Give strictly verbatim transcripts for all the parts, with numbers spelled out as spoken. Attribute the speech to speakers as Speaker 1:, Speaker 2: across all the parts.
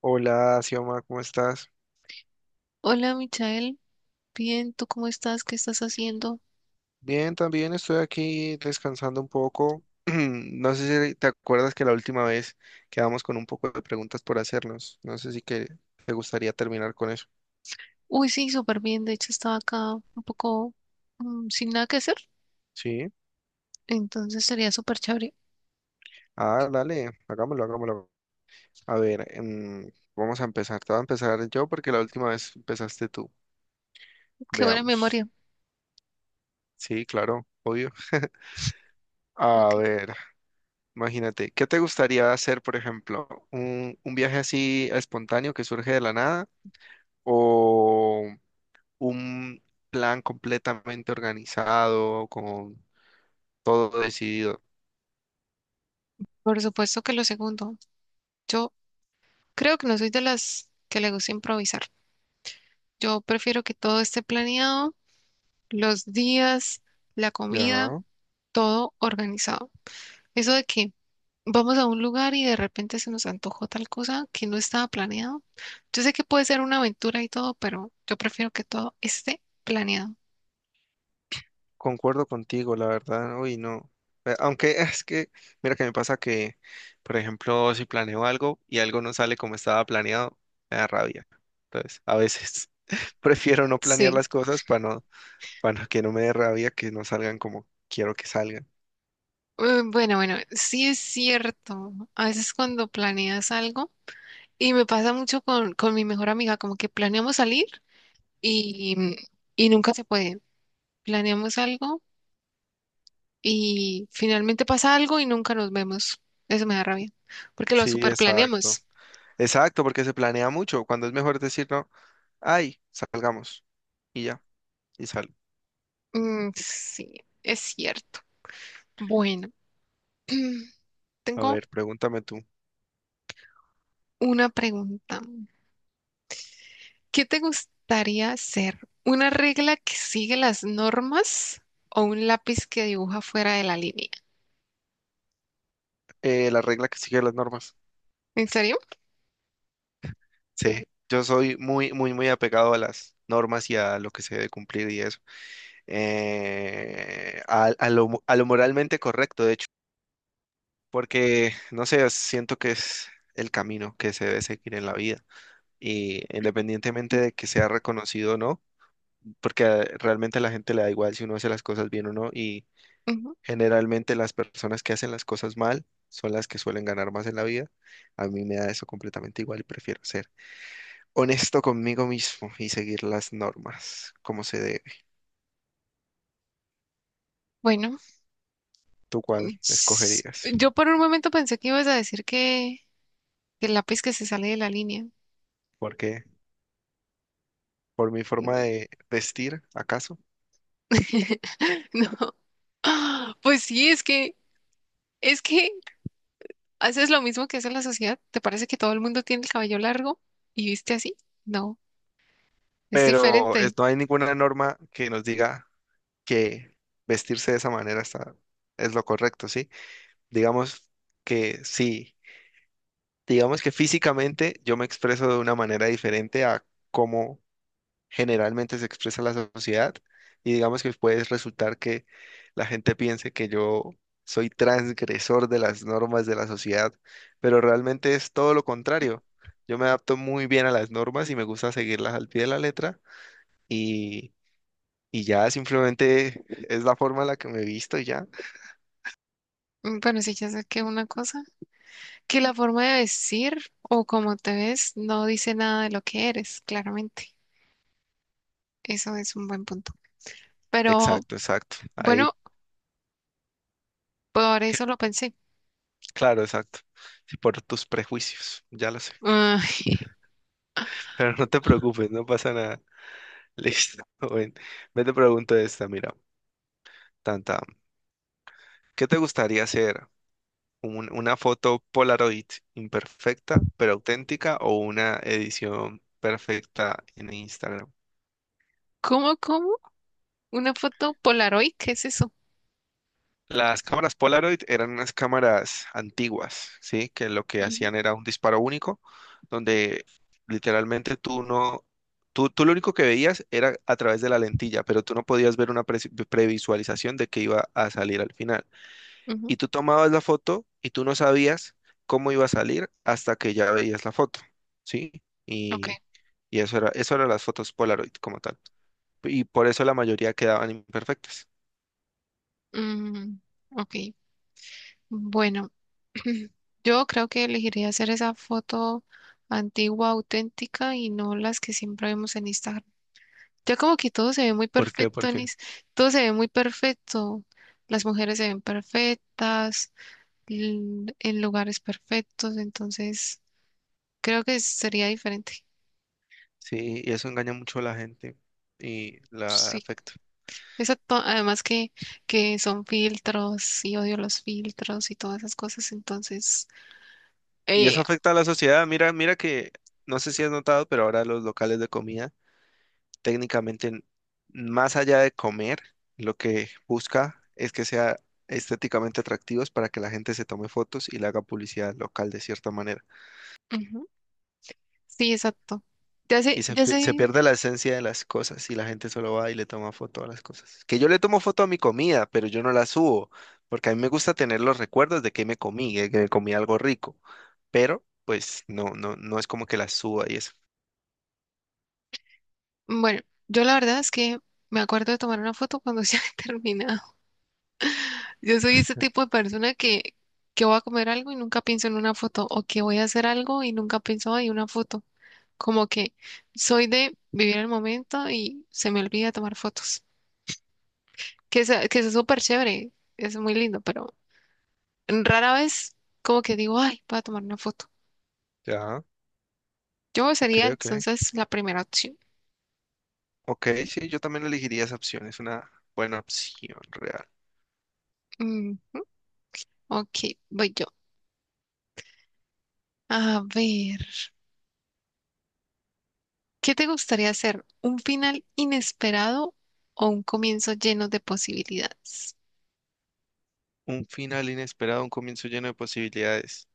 Speaker 1: Hola, Xioma, ¿cómo estás?
Speaker 2: Hola, Michael. Bien, ¿tú cómo estás? ¿Qué estás haciendo?
Speaker 1: Bien, también estoy aquí descansando un poco. No sé si te acuerdas que la última vez quedamos con un poco de preguntas por hacernos. No sé si que te gustaría terminar con eso.
Speaker 2: Uy, sí, súper bien. De hecho, estaba acá un poco mm, sin nada que hacer.
Speaker 1: Sí.
Speaker 2: Entonces sería súper chévere.
Speaker 1: Ah, dale, hagámoslo, hagámoslo. A ver, em, vamos a empezar. Te voy a empezar yo porque la última vez empezaste tú.
Speaker 2: Qué buena
Speaker 1: Veamos.
Speaker 2: memoria.
Speaker 1: Sí, claro, obvio.
Speaker 2: Ok.
Speaker 1: A ver, imagínate, ¿qué te gustaría hacer, por ejemplo? Un, un viaje así espontáneo que surge de la nada o un plan completamente organizado, con todo decidido.
Speaker 2: Por supuesto que lo segundo. Yo creo que no soy de las que le gusta improvisar. Yo prefiero que todo esté planeado, los días, la comida,
Speaker 1: Ya,
Speaker 2: todo organizado. ¿Eso de qué? Vamos a un lugar y de repente se nos antojó tal cosa que no estaba planeado. Yo sé que puede ser una aventura y todo, pero yo prefiero que todo esté planeado.
Speaker 1: concuerdo contigo, la verdad. Uy, no. Eh, Aunque es que, mira que me pasa que, por ejemplo, si planeo algo y algo no sale como estaba planeado, me da rabia. Entonces, a veces prefiero no planear
Speaker 2: Sí.
Speaker 1: las cosas para no, para que no me dé rabia que no salgan como quiero que salgan.
Speaker 2: Eh, Bueno, bueno, sí es cierto. A veces cuando planeas algo, y me pasa mucho con, con mi mejor amiga, como que planeamos salir y, y nunca se puede. Planeamos algo y finalmente pasa algo y nunca nos vemos. Eso me da rabia, porque lo
Speaker 1: Sí,
Speaker 2: super
Speaker 1: exacto.
Speaker 2: planeamos.
Speaker 1: Exacto, porque se planea mucho. Cuando es mejor decir, no, ay, salgamos y ya. Y sal.
Speaker 2: Mm, sí, es cierto. Bueno.
Speaker 1: A
Speaker 2: Tengo
Speaker 1: ver, pregúntame tú.
Speaker 2: una pregunta. ¿Qué te gustaría ser? ¿Una regla que sigue las normas o un lápiz que dibuja fuera de la línea?
Speaker 1: Eh, la regla que sigue las normas.
Speaker 2: ¿En serio?
Speaker 1: Sí, yo soy muy, muy, muy apegado a las normas y a lo que se debe cumplir y eso. Eh, a, a lo, mo- a lo moralmente correcto, de hecho, porque, no sé, siento que es el camino que se debe seguir en la vida. Y independientemente de que sea reconocido o no, porque eh, realmente a la gente le da igual si uno hace las cosas bien o no. y
Speaker 2: Ujú.
Speaker 1: Generalmente las personas que hacen las cosas mal son las que suelen ganar más en la vida. A mí me da eso completamente igual y prefiero ser honesto conmigo mismo y seguir las normas como se debe.
Speaker 2: Bueno,
Speaker 1: ¿Tú cuál
Speaker 2: s-
Speaker 1: escogerías?
Speaker 2: yo por un momento pensé que ibas a decir que, que el lápiz que se sale de la línea.
Speaker 1: ¿Por qué? ¿Por mi forma de vestir, acaso?
Speaker 2: No. Pues sí, es que es que haces lo mismo que hace la sociedad. ¿Te parece que todo el mundo tiene el cabello largo y viste así? No, es
Speaker 1: Pero
Speaker 2: diferente.
Speaker 1: es- no hay ninguna norma que nos diga que vestirse de esa manera está, es lo correcto, ¿sí? Digamos que sí. Digamos que físicamente yo me expreso de una manera diferente a cómo generalmente se expresa la sociedad y digamos que puede resultar que la gente piense que yo soy transgresor de las normas de la sociedad, pero realmente es todo lo contrario. Yo me adapto muy bien a las normas y me gusta seguirlas al pie de la letra y, y ya simplemente es la forma en la que me he visto y ya.
Speaker 2: Mm, pero sí ya saqué una cosa, que la forma de vestir o cómo te ves no dice nada de lo que eres, claramente. Eso es un buen punto. Pero
Speaker 1: Exacto, exacto. Ahí,
Speaker 2: bueno, por eso lo pensé.
Speaker 1: claro, exacto. Sí, por tus prejuicios, ya lo sé.
Speaker 2: Ah.
Speaker 1: Pero no te preocupes, no pasa nada. Listo. Bueno, me te pregunto esta, mira. Tanta. ¿Qué te gustaría hacer? ¿Un- una foto Polaroid imperfecta pero auténtica o una edición perfecta en Instagram?
Speaker 2: ¿Cómo, cómo? ¿Una foto Polaroid? ¿Qué es eso?
Speaker 1: Las cámaras Polaroid eran unas cámaras antiguas, ¿sí? Que lo que
Speaker 2: Ujú,
Speaker 1: hacían era un disparo único, donde literalmente tú no, tú, tú lo único que veías era a través de la lentilla, pero tú no podías ver una pre- previsualización de qué iba a salir al final.
Speaker 2: ujú,
Speaker 1: Y tú tomabas la foto y tú no sabías cómo iba a salir hasta que ya veías la foto, ¿sí?
Speaker 2: ok.
Speaker 1: Y, y eso era, eso eran las fotos Polaroid como tal. Y por eso la mayoría quedaban imperfectas.
Speaker 2: Mm, ok. Bueno, yo creo que elegiría hacer esa foto antigua, auténtica y no las que siempre vemos en Instagram. Ya como que todo se ve muy
Speaker 1: ¿Por qué?
Speaker 2: perfecto,
Speaker 1: ¿Por qué?
Speaker 2: Anis. Todo se ve muy perfecto. Las mujeres se ven perfectas, l- en lugares perfectos, entonces creo que sería diferente.
Speaker 1: Sí, y eso engaña mucho a la gente y la
Speaker 2: Sí.
Speaker 1: afecta.
Speaker 2: Exacto. Además que, que son filtros y odio los filtros y todas esas cosas, entonces...
Speaker 1: Y eso
Speaker 2: eh,
Speaker 1: afecta a la sociedad. Mira, mira que, no sé si has notado, pero ahora los locales de comida técnicamente, más allá de comer, lo que busca es que sea estéticamente atractivos para que la gente se tome fotos y le haga publicidad local de cierta manera.
Speaker 2: ujú. Sí, exacto. Ya sé,
Speaker 1: Y se,
Speaker 2: ya
Speaker 1: pi- se
Speaker 2: sé.
Speaker 1: pierde la esencia de las cosas y la gente solo va y le toma foto a las cosas. Que yo le tomo foto a mi comida, pero yo no la subo, porque a mí me gusta tener los recuerdos de que me comí, de que me comí algo rico, pero pues no, no, no es como que la suba y eso.
Speaker 2: Bueno, yo la verdad es que me acuerdo de tomar una foto cuando ya terminé. Yo soy ese tipo de persona que, que voy a comer algo y nunca pienso en una foto, o que voy a hacer algo y nunca pienso en una foto. Como que soy de vivir el momento y se me olvida tomar fotos. Que es, que es súper chévere, es muy lindo, pero rara vez como que digo, ay, voy a tomar una foto.
Speaker 1: Ya,
Speaker 2: Yo
Speaker 1: ok,
Speaker 2: sería
Speaker 1: ok.
Speaker 2: entonces la primera opción.
Speaker 1: Ok, sí, yo también elegiría esa opción, es una buena opción real.
Speaker 2: Mm, ok, voy yo. A ver, ¿qué te gustaría hacer? ¿Un final inesperado o un comienzo lleno de posibilidades?
Speaker 1: Un final inesperado, un comienzo lleno de posibilidades.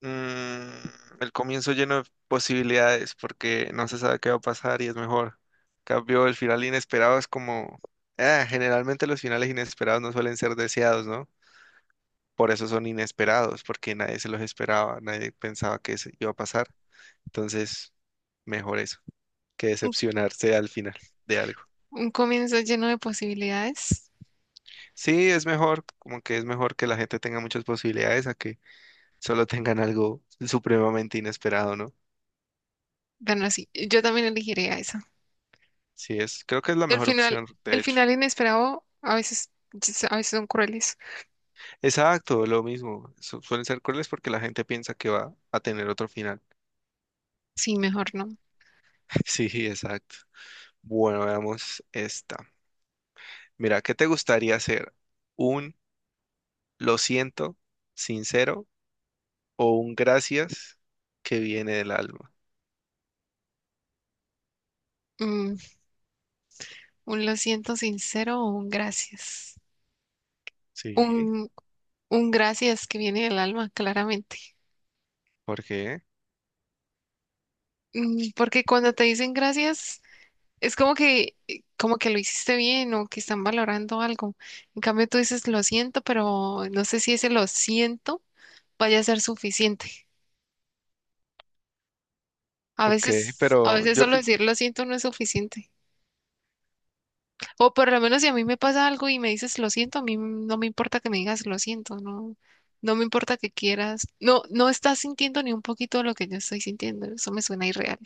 Speaker 1: Mm, el comienzo lleno de posibilidades porque no se sabe qué va a pasar y es mejor. En cambio, el final inesperado es como... Ah, generalmente los finales inesperados no suelen ser deseados, ¿no? Por eso son inesperados, porque nadie se los esperaba, nadie pensaba que eso iba a pasar. Entonces, mejor eso, que decepcionarse al final de algo.
Speaker 2: Un comienzo lleno de posibilidades.
Speaker 1: Sí, es mejor, como que es mejor que la gente tenga muchas posibilidades a que solo tengan algo supremamente inesperado, ¿no?
Speaker 2: Bueno, sí, yo también elegiría esa.
Speaker 1: Sí, es, creo que es la
Speaker 2: El
Speaker 1: mejor
Speaker 2: final,
Speaker 1: opción, de
Speaker 2: el
Speaker 1: hecho.
Speaker 2: final inesperado a veces, yes, a veces son crueles.
Speaker 1: Exacto, lo mismo. Su- suelen ser crueles porque la gente piensa que va a tener otro final.
Speaker 2: Sí, mejor no.
Speaker 1: Sí, exacto. Bueno, veamos esta. Mira, ¿qué te gustaría hacer? ¿Un lo siento, sincero o un gracias que viene del alma?
Speaker 2: Mm, un lo siento sincero o un gracias.
Speaker 1: Sí,
Speaker 2: Un, un gracias que viene del alma, claramente.
Speaker 1: ¿por qué?
Speaker 2: Mm, porque cuando te dicen gracias, es como que, como que lo hiciste bien o que están valorando algo. En cambio, tú dices lo siento, pero no sé si ese lo siento vaya a ser suficiente. A
Speaker 1: Ok,
Speaker 2: veces, a
Speaker 1: pero
Speaker 2: veces
Speaker 1: yo,
Speaker 2: solo decir lo siento no es suficiente. O por lo menos si a mí me pasa algo y me dices lo siento, a mí no me importa que me digas lo siento, no, no me importa que quieras. No, no estás sintiendo ni un poquito lo que yo estoy sintiendo. Eso me suena irreal.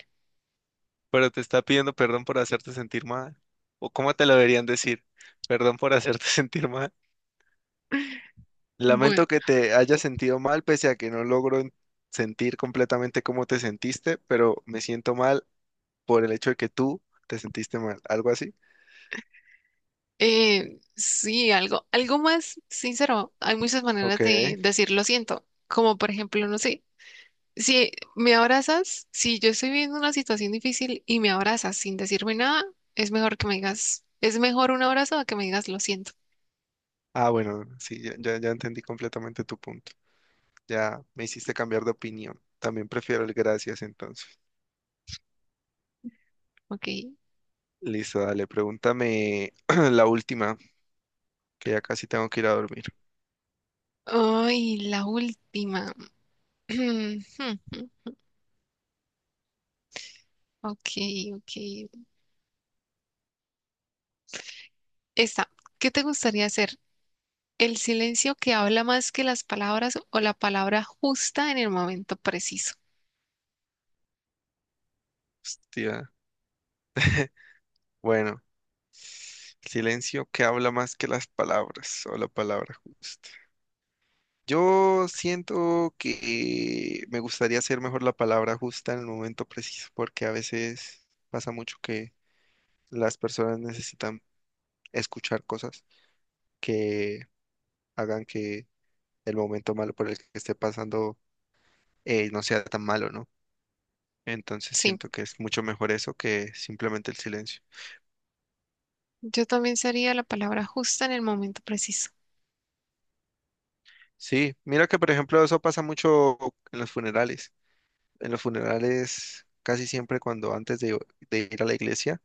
Speaker 1: pero te está pidiendo perdón por hacerte sentir mal. ¿O cómo te lo deberían decir? Perdón por hacerte sentir mal.
Speaker 2: Bueno,
Speaker 1: Lamento que te hayas sentido mal, pese a que no logro en- sentir completamente cómo te sentiste, pero me siento mal por el hecho de que tú te sentiste mal. ¿Algo así?
Speaker 2: eh, sí, algo, algo más sincero. Hay muchas maneras
Speaker 1: Ok.
Speaker 2: de decir lo siento, como por ejemplo, no sé. Si me abrazas, si yo estoy viviendo una situación difícil y me abrazas sin decirme nada, es mejor que me digas, es mejor un abrazo a que me digas lo siento,
Speaker 1: Ah, bueno, sí, ya, ya, ya entendí completamente tu punto. Ya me hiciste cambiar de opinión. También prefiero el gracias entonces.
Speaker 2: ¿ok?
Speaker 1: Listo, dale, pregúntame la última, que ya casi tengo que ir a dormir.
Speaker 2: Ay, la última. Ok, ok. Esta, ¿qué te gustaría hacer? ¿El silencio que habla más que las palabras o la palabra justa en el momento preciso?
Speaker 1: Hostia. Bueno, silencio que habla más que las palabras o la palabra justa. Yo siento que me gustaría hacer mejor la palabra justa en el momento preciso, porque a veces pasa mucho que las personas necesitan escuchar cosas que hagan que el momento malo por el que esté pasando eh, no sea tan malo, ¿no? Entonces
Speaker 2: Sí,
Speaker 1: siento que es mucho mejor eso que simplemente el silencio.
Speaker 2: yo también sería la palabra justa en el momento preciso.
Speaker 1: Sí, mira que por ejemplo eso pasa mucho en los funerales. En los funerales casi siempre cuando antes de de ir a la iglesia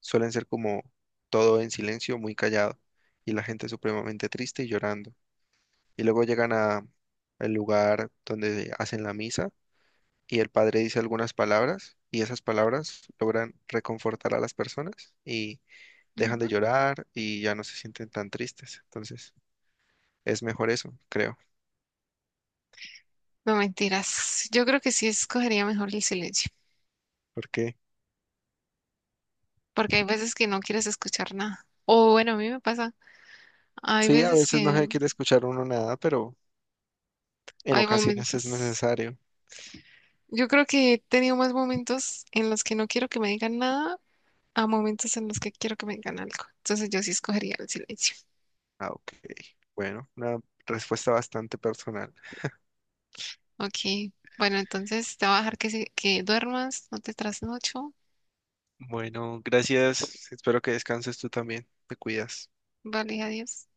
Speaker 1: suelen ser como todo en silencio, muy callado, y la gente supremamente triste y llorando. Y luego llegan a el lugar donde hacen la misa y el padre dice algunas palabras y esas palabras logran reconfortar a las personas y dejan de
Speaker 2: Ujú.
Speaker 1: llorar y ya no se sienten tan tristes. Entonces, es mejor eso, creo,
Speaker 2: No mentiras, yo creo que sí escogería mejor el silencio.
Speaker 1: porque
Speaker 2: Porque hay veces que no quieres escuchar nada. O bueno, a mí me pasa, hay
Speaker 1: sí, a
Speaker 2: veces
Speaker 1: veces no
Speaker 2: que
Speaker 1: se quiere escuchar uno nada, pero en
Speaker 2: hay
Speaker 1: ocasiones es
Speaker 2: momentos.
Speaker 1: necesario.
Speaker 2: Yo creo que he tenido más momentos en los que no quiero que me digan nada a momentos en los que quiero que me digan algo. Entonces yo sí escogería el silencio.
Speaker 1: Ah, ok. Bueno, una respuesta bastante personal.
Speaker 2: Ok, bueno, entonces te voy a dejar que, se- que duermas, no te trasnocho.
Speaker 1: Bueno, gracias. Espero que descanses tú también. Te cuidas.
Speaker 2: Vale, adiós.